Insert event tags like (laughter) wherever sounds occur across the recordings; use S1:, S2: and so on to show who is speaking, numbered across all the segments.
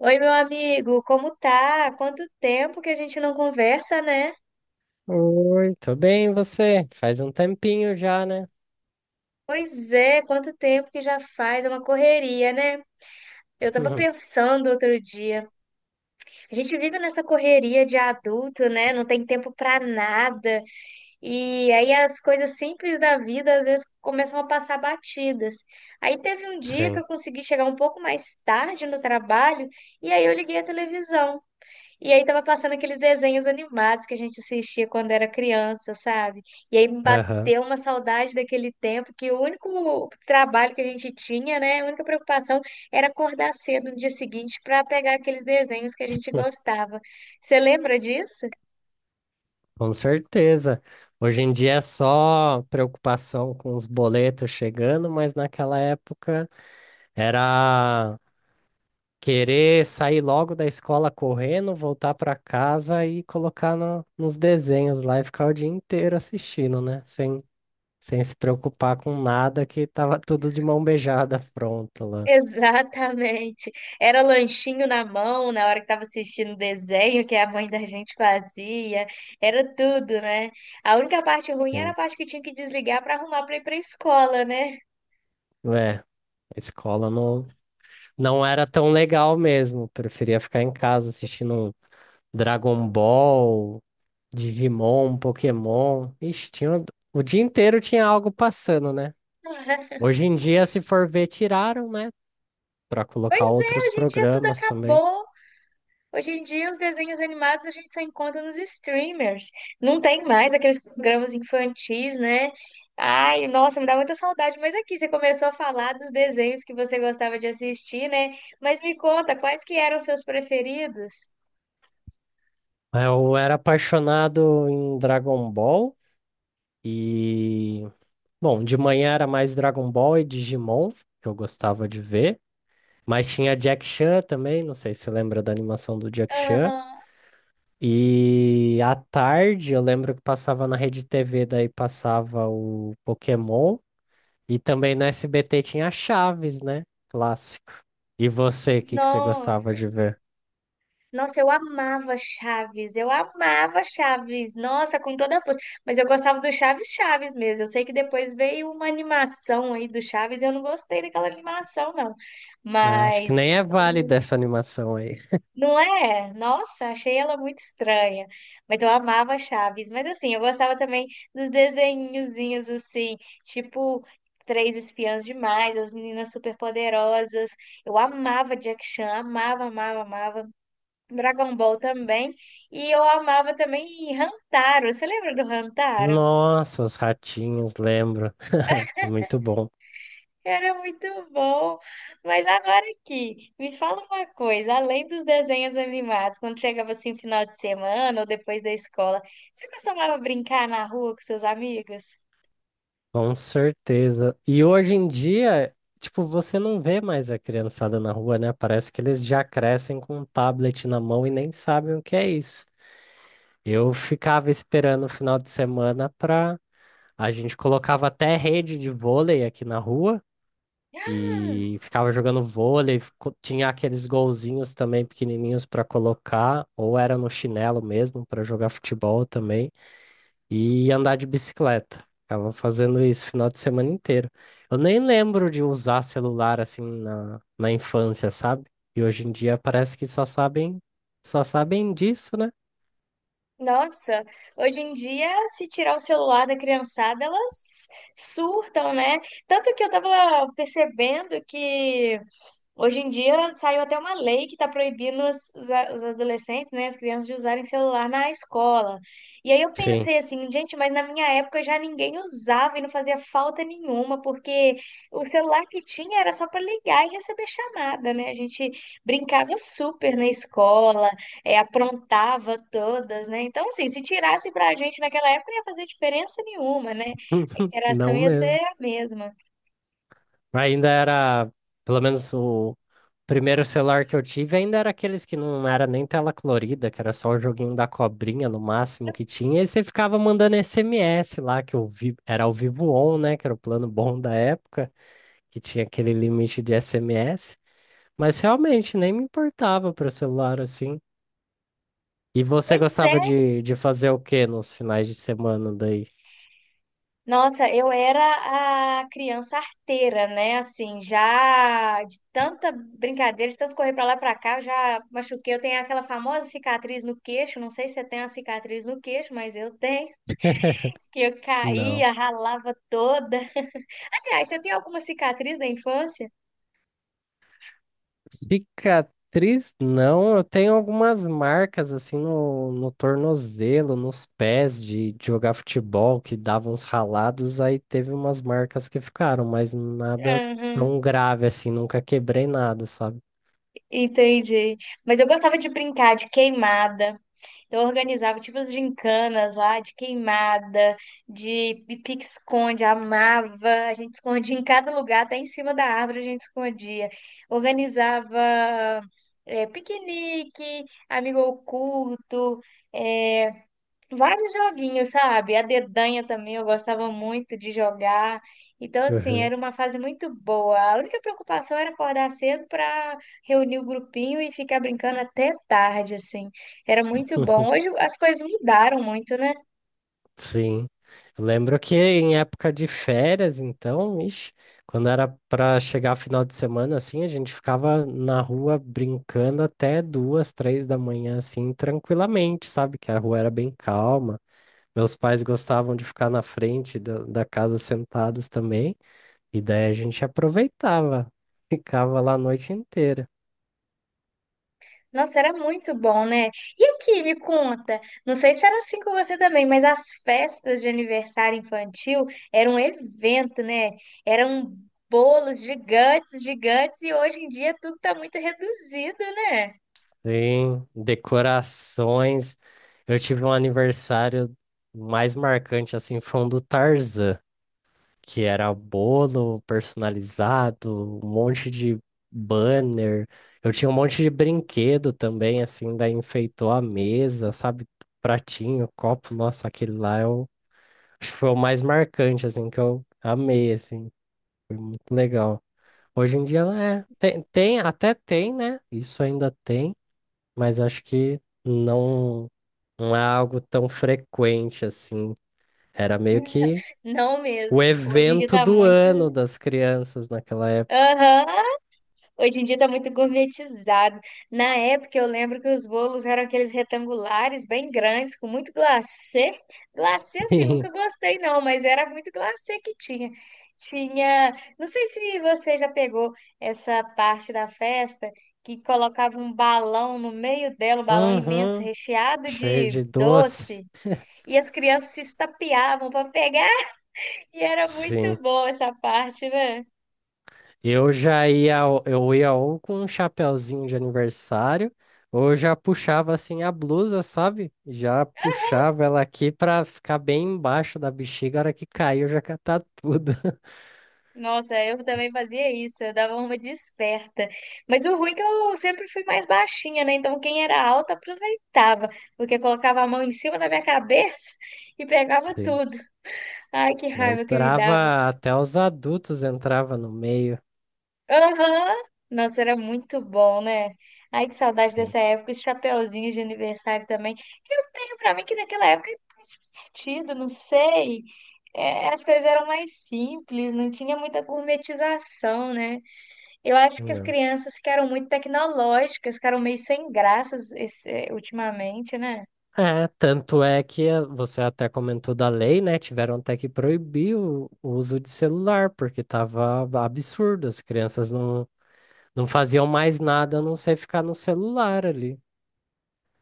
S1: Oi, meu amigo, como tá? Quanto tempo que a gente não conversa, né?
S2: Oi, tô bem, e você? Faz um tempinho já, né?
S1: Pois é, quanto tempo que já faz, é uma correria, né? Eu tava
S2: (laughs)
S1: pensando outro dia. A gente vive nessa correria de adulto, né? Não tem tempo pra nada. E aí as coisas simples da vida às vezes começam a passar batidas. Aí teve um dia que
S2: Sim.
S1: eu consegui chegar um pouco mais tarde no trabalho e aí eu liguei a televisão. E aí tava passando aqueles desenhos animados que a gente assistia quando era criança, sabe? E aí me
S2: Aham.
S1: bateu uma saudade daquele tempo que o único trabalho que a gente tinha, né, a única preocupação era acordar cedo no dia seguinte para pegar aqueles desenhos que a gente gostava. Você lembra disso? (laughs)
S2: Com certeza. Hoje em dia é só preocupação com os boletos chegando, mas naquela época era querer sair logo da escola correndo, voltar pra casa e colocar nos desenhos lá e ficar o dia inteiro assistindo, né? Sem se preocupar com nada, que tava tudo de mão beijada pronto lá.
S1: Exatamente. Era lanchinho na mão na hora que tava assistindo o desenho que a mãe da gente fazia. Era tudo, né? A única parte ruim era a
S2: Sim.
S1: parte que tinha que desligar para arrumar para ir para escola, né?
S2: É, a escola não. não era tão legal mesmo. Preferia ficar em casa assistindo Dragon Ball, Digimon, Pokémon. Ixi, tinha o dia inteiro tinha algo passando, né?
S1: (laughs)
S2: Hoje em dia, se for ver, tiraram, né? Pra colocar
S1: Pois é,
S2: outros
S1: hoje em dia tudo
S2: programas também.
S1: acabou. Hoje em dia os desenhos animados a gente só encontra nos streamers. Não tem mais aqueles programas infantis, né? Ai, nossa, me dá muita saudade. Mas aqui você começou a falar dos desenhos que você gostava de assistir, né? Mas me conta, quais que eram os seus preferidos?
S2: Eu era apaixonado em Dragon Ball e. Bom, de manhã era mais Dragon Ball e Digimon, que eu gostava de ver. Mas tinha Jack Chan também, não sei se você lembra da animação do Jack Chan.
S1: Aham.
S2: E à tarde eu lembro que passava na Rede TV, daí passava o Pokémon. E também no SBT tinha Chaves, né? Clássico. E você, o que que você gostava
S1: Nossa.
S2: de ver?
S1: Nossa, eu amava Chaves, nossa, com toda a força. Mas eu gostava do Chaves Chaves mesmo. Eu sei que depois veio uma animação aí do Chaves, eu não gostei daquela animação, não.
S2: Ah, acho que
S1: Mas,
S2: nem é válida
S1: o-
S2: essa animação aí.
S1: não é? Nossa, achei ela muito estranha. Mas eu amava Chaves. Mas assim, eu gostava também dos desenhozinhos assim, tipo Três Espiãs Demais, As Meninas Superpoderosas. Eu amava Jack Chan, amava, amava, amava. Dragon Ball também. E eu amava também Rantaro. Você lembra do Rantaro?
S2: Nossa, os ratinhos, lembro. (laughs) Muito bom,
S1: Era muito bom. Mas agora aqui, me fala uma coisa, além dos desenhos animados, quando chegava assim final de semana ou depois da escola, você costumava brincar na rua com seus amigos?
S2: com certeza. E hoje em dia, tipo, você não vê mais a criançada na rua, né? Parece que eles já crescem com um tablet na mão e nem sabem o que é isso. Eu ficava esperando o final de semana pra. A gente colocava até rede de vôlei aqui na rua
S1: Ah,
S2: e ficava jogando vôlei. Tinha aqueles golzinhos também pequenininhos pra colocar, ou era no chinelo mesmo pra jogar futebol também e andar de bicicleta. Ficava fazendo isso o final de semana inteiro. Eu nem lembro de usar celular assim na infância, sabe? E hoje em dia parece que só sabem disso, né?
S1: nossa, hoje em dia, se tirar o celular da criançada, elas surtam, né? Tanto que eu tava percebendo que hoje em dia saiu até uma lei que está proibindo os adolescentes, né, as crianças de usarem celular na escola. E aí eu
S2: Sim.
S1: pensei assim, gente, mas na minha época já ninguém usava e não fazia falta nenhuma, porque o celular que tinha era só para ligar e receber chamada, né? A gente brincava super na escola, é, aprontava todas, né? Então, assim, se tirasse para a gente naquela época, não ia fazer diferença nenhuma, né? A
S2: (laughs)
S1: interação
S2: Não
S1: ia
S2: mesmo.
S1: ser a mesma.
S2: Ainda era, pelo menos o primeiro celular que eu tive, ainda era aqueles que não era nem tela colorida, que era só o joguinho da cobrinha no máximo que tinha, e você ficava mandando SMS lá, que eu vi, era o Vivo On, né, que era o plano bom da época, que tinha aquele limite de SMS, mas realmente nem me importava para celular assim. E você
S1: Pois é,
S2: gostava de fazer o que nos finais de semana daí?
S1: nossa, eu era a criança arteira, né? Assim, já de tanta brincadeira, de tanto correr pra lá e pra cá, eu já machuquei. Eu tenho aquela famosa cicatriz no queixo. Não sei se você tem uma cicatriz no queixo, mas eu tenho. Que eu
S2: Não.
S1: caía, ralava toda. Aliás, você tem alguma cicatriz da infância?
S2: Cicatriz? Não, eu tenho algumas marcas assim no tornozelo, nos pés de jogar futebol que davam uns ralados, aí teve umas marcas que ficaram, mas nada
S1: Aham,
S2: tão grave assim, nunca quebrei nada, sabe?
S1: entendi. Mas eu gostava de brincar de queimada. Então, eu organizava tipo as gincanas lá, de queimada, de pique-esconde, amava. A gente escondia em cada lugar, até em cima da árvore a gente escondia. Organizava piquenique, amigo oculto, eh, vários joguinhos, sabe? A dedanha também eu gostava muito de jogar. Então, assim,
S2: Uhum.
S1: era uma fase muito boa. A única preocupação era acordar cedo para reunir o grupinho e ficar brincando até tarde, assim. Era muito bom. Hoje as coisas mudaram muito, né?
S2: Sim. Eu lembro que em época de férias, então, ixi, quando era para chegar final de semana, assim, a gente ficava na rua brincando até duas, três da manhã, assim, tranquilamente, sabe? Que a rua era bem calma. Meus pais gostavam de ficar na frente da casa sentados também, e daí a gente aproveitava, (laughs) ficava lá a noite inteira.
S1: Nossa, era muito bom, né? E aqui, me conta, não sei se era assim com você também, mas as festas de aniversário infantil eram um evento, né? Eram bolos gigantes, gigantes, e hoje em dia tudo tá muito reduzido, né?
S2: Sim, decorações. Eu tive um aniversário mais marcante, assim, foi um do Tarzan, que era bolo personalizado, um monte de banner. Eu tinha um monte de brinquedo também, assim, daí enfeitou a mesa, sabe? Pratinho, copo, nossa, aquele lá eu acho que foi o mais marcante, assim, que eu amei, assim, muito legal. Hoje em dia, é, até tem, né? Isso ainda tem, mas acho que não, não é algo tão frequente, assim. Era meio que
S1: Não
S2: o
S1: mesmo. Hoje em dia
S2: evento
S1: tá
S2: do
S1: muito.
S2: ano das crianças naquela época.
S1: Aham, hoje em dia tá muito gourmetizado. Na época eu lembro que os bolos eram aqueles retangulares bem grandes, com muito glacê. Glacê assim, nunca
S2: Sim.
S1: gostei não, mas era muito glacê que tinha. Tinha, não sei se você já pegou essa parte da festa que colocava um balão no meio dela, um balão imenso
S2: Uhum.
S1: recheado
S2: Cheio
S1: de
S2: de doce.
S1: doce, e as crianças se estapeavam para pegar, e era muito
S2: Sim.
S1: boa essa parte, né?
S2: Eu já ia, eu ia ou com um chapeuzinho de aniversário, ou eu já puxava assim a blusa, sabe? Já puxava ela aqui pra ficar bem embaixo da bexiga. A hora que caiu, já catar tudo. (laughs)
S1: Nossa, eu também fazia isso, eu dava uma de esperta. Mas o ruim é que eu sempre fui mais baixinha, né? Então quem era alta aproveitava, porque colocava a mão em cima da minha cabeça (laughs) e pegava
S2: Sim.
S1: tudo. Ai, que raiva que me dava.
S2: Entrava, até os adultos entrava no meio.
S1: Aham! Nossa, era muito bom, né? Ai, que saudade
S2: Sim.
S1: dessa época, esse chapeuzinho de aniversário também. Eu tenho pra mim que naquela época é divertido, não sei. É, as coisas eram mais simples, não tinha muita gourmetização, né? Eu acho que as
S2: Não.
S1: crianças ficaram muito tecnológicas, ficaram meio sem graças ultimamente, né?
S2: É, tanto é que você até comentou da lei, né? Tiveram até que proibir o uso de celular, porque tava absurdo, as crianças não, não faziam mais nada a não ser ficar no celular ali.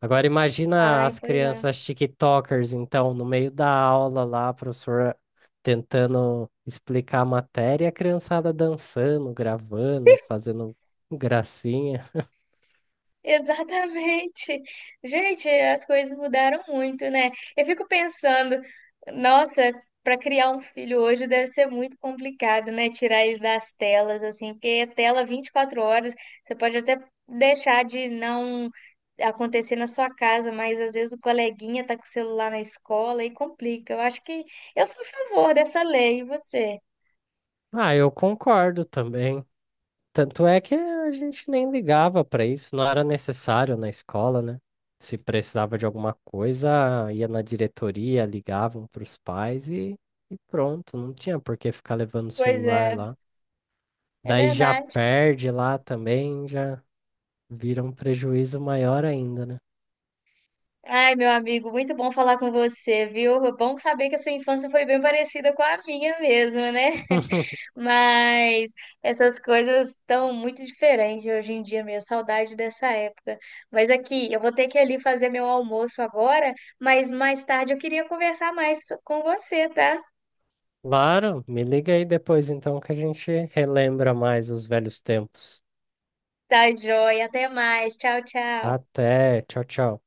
S2: Agora imagina
S1: Ai,
S2: as
S1: pois é.
S2: crianças TikTokers, então, no meio da aula lá, a professora tentando explicar a matéria, e a criançada dançando, gravando, fazendo gracinha.
S1: Exatamente. Gente, as coisas mudaram muito, né? Eu fico pensando, nossa, para criar um filho hoje deve ser muito complicado, né? Tirar ele das telas, assim, porque é tela 24 horas, você pode até deixar de não acontecer na sua casa, mas às vezes o coleguinha tá com o celular na escola e complica. Eu acho que eu sou a favor dessa lei, e você?
S2: Ah, eu concordo também. Tanto é que a gente nem ligava para isso, não era necessário na escola, né? Se precisava de alguma coisa, ia na diretoria, ligavam para os pais e pronto, não tinha por que ficar levando o
S1: Pois
S2: celular
S1: é,
S2: lá.
S1: é
S2: Daí já
S1: verdade.
S2: perde lá também, já vira um prejuízo maior ainda, né?
S1: Ai, meu amigo, muito bom falar com você, viu? É bom saber que a sua infância foi bem parecida com a minha mesmo, né?
S2: (laughs)
S1: Mas essas coisas estão muito diferentes hoje em dia, minha saudade dessa época. Mas aqui, eu vou ter que ir ali fazer meu almoço agora, mas mais tarde eu queria conversar mais com você, tá?
S2: Claro, me liga aí depois então que a gente relembra mais os velhos tempos.
S1: Tá, joia. Até mais. Tchau, tchau.
S2: Até, tchau, tchau.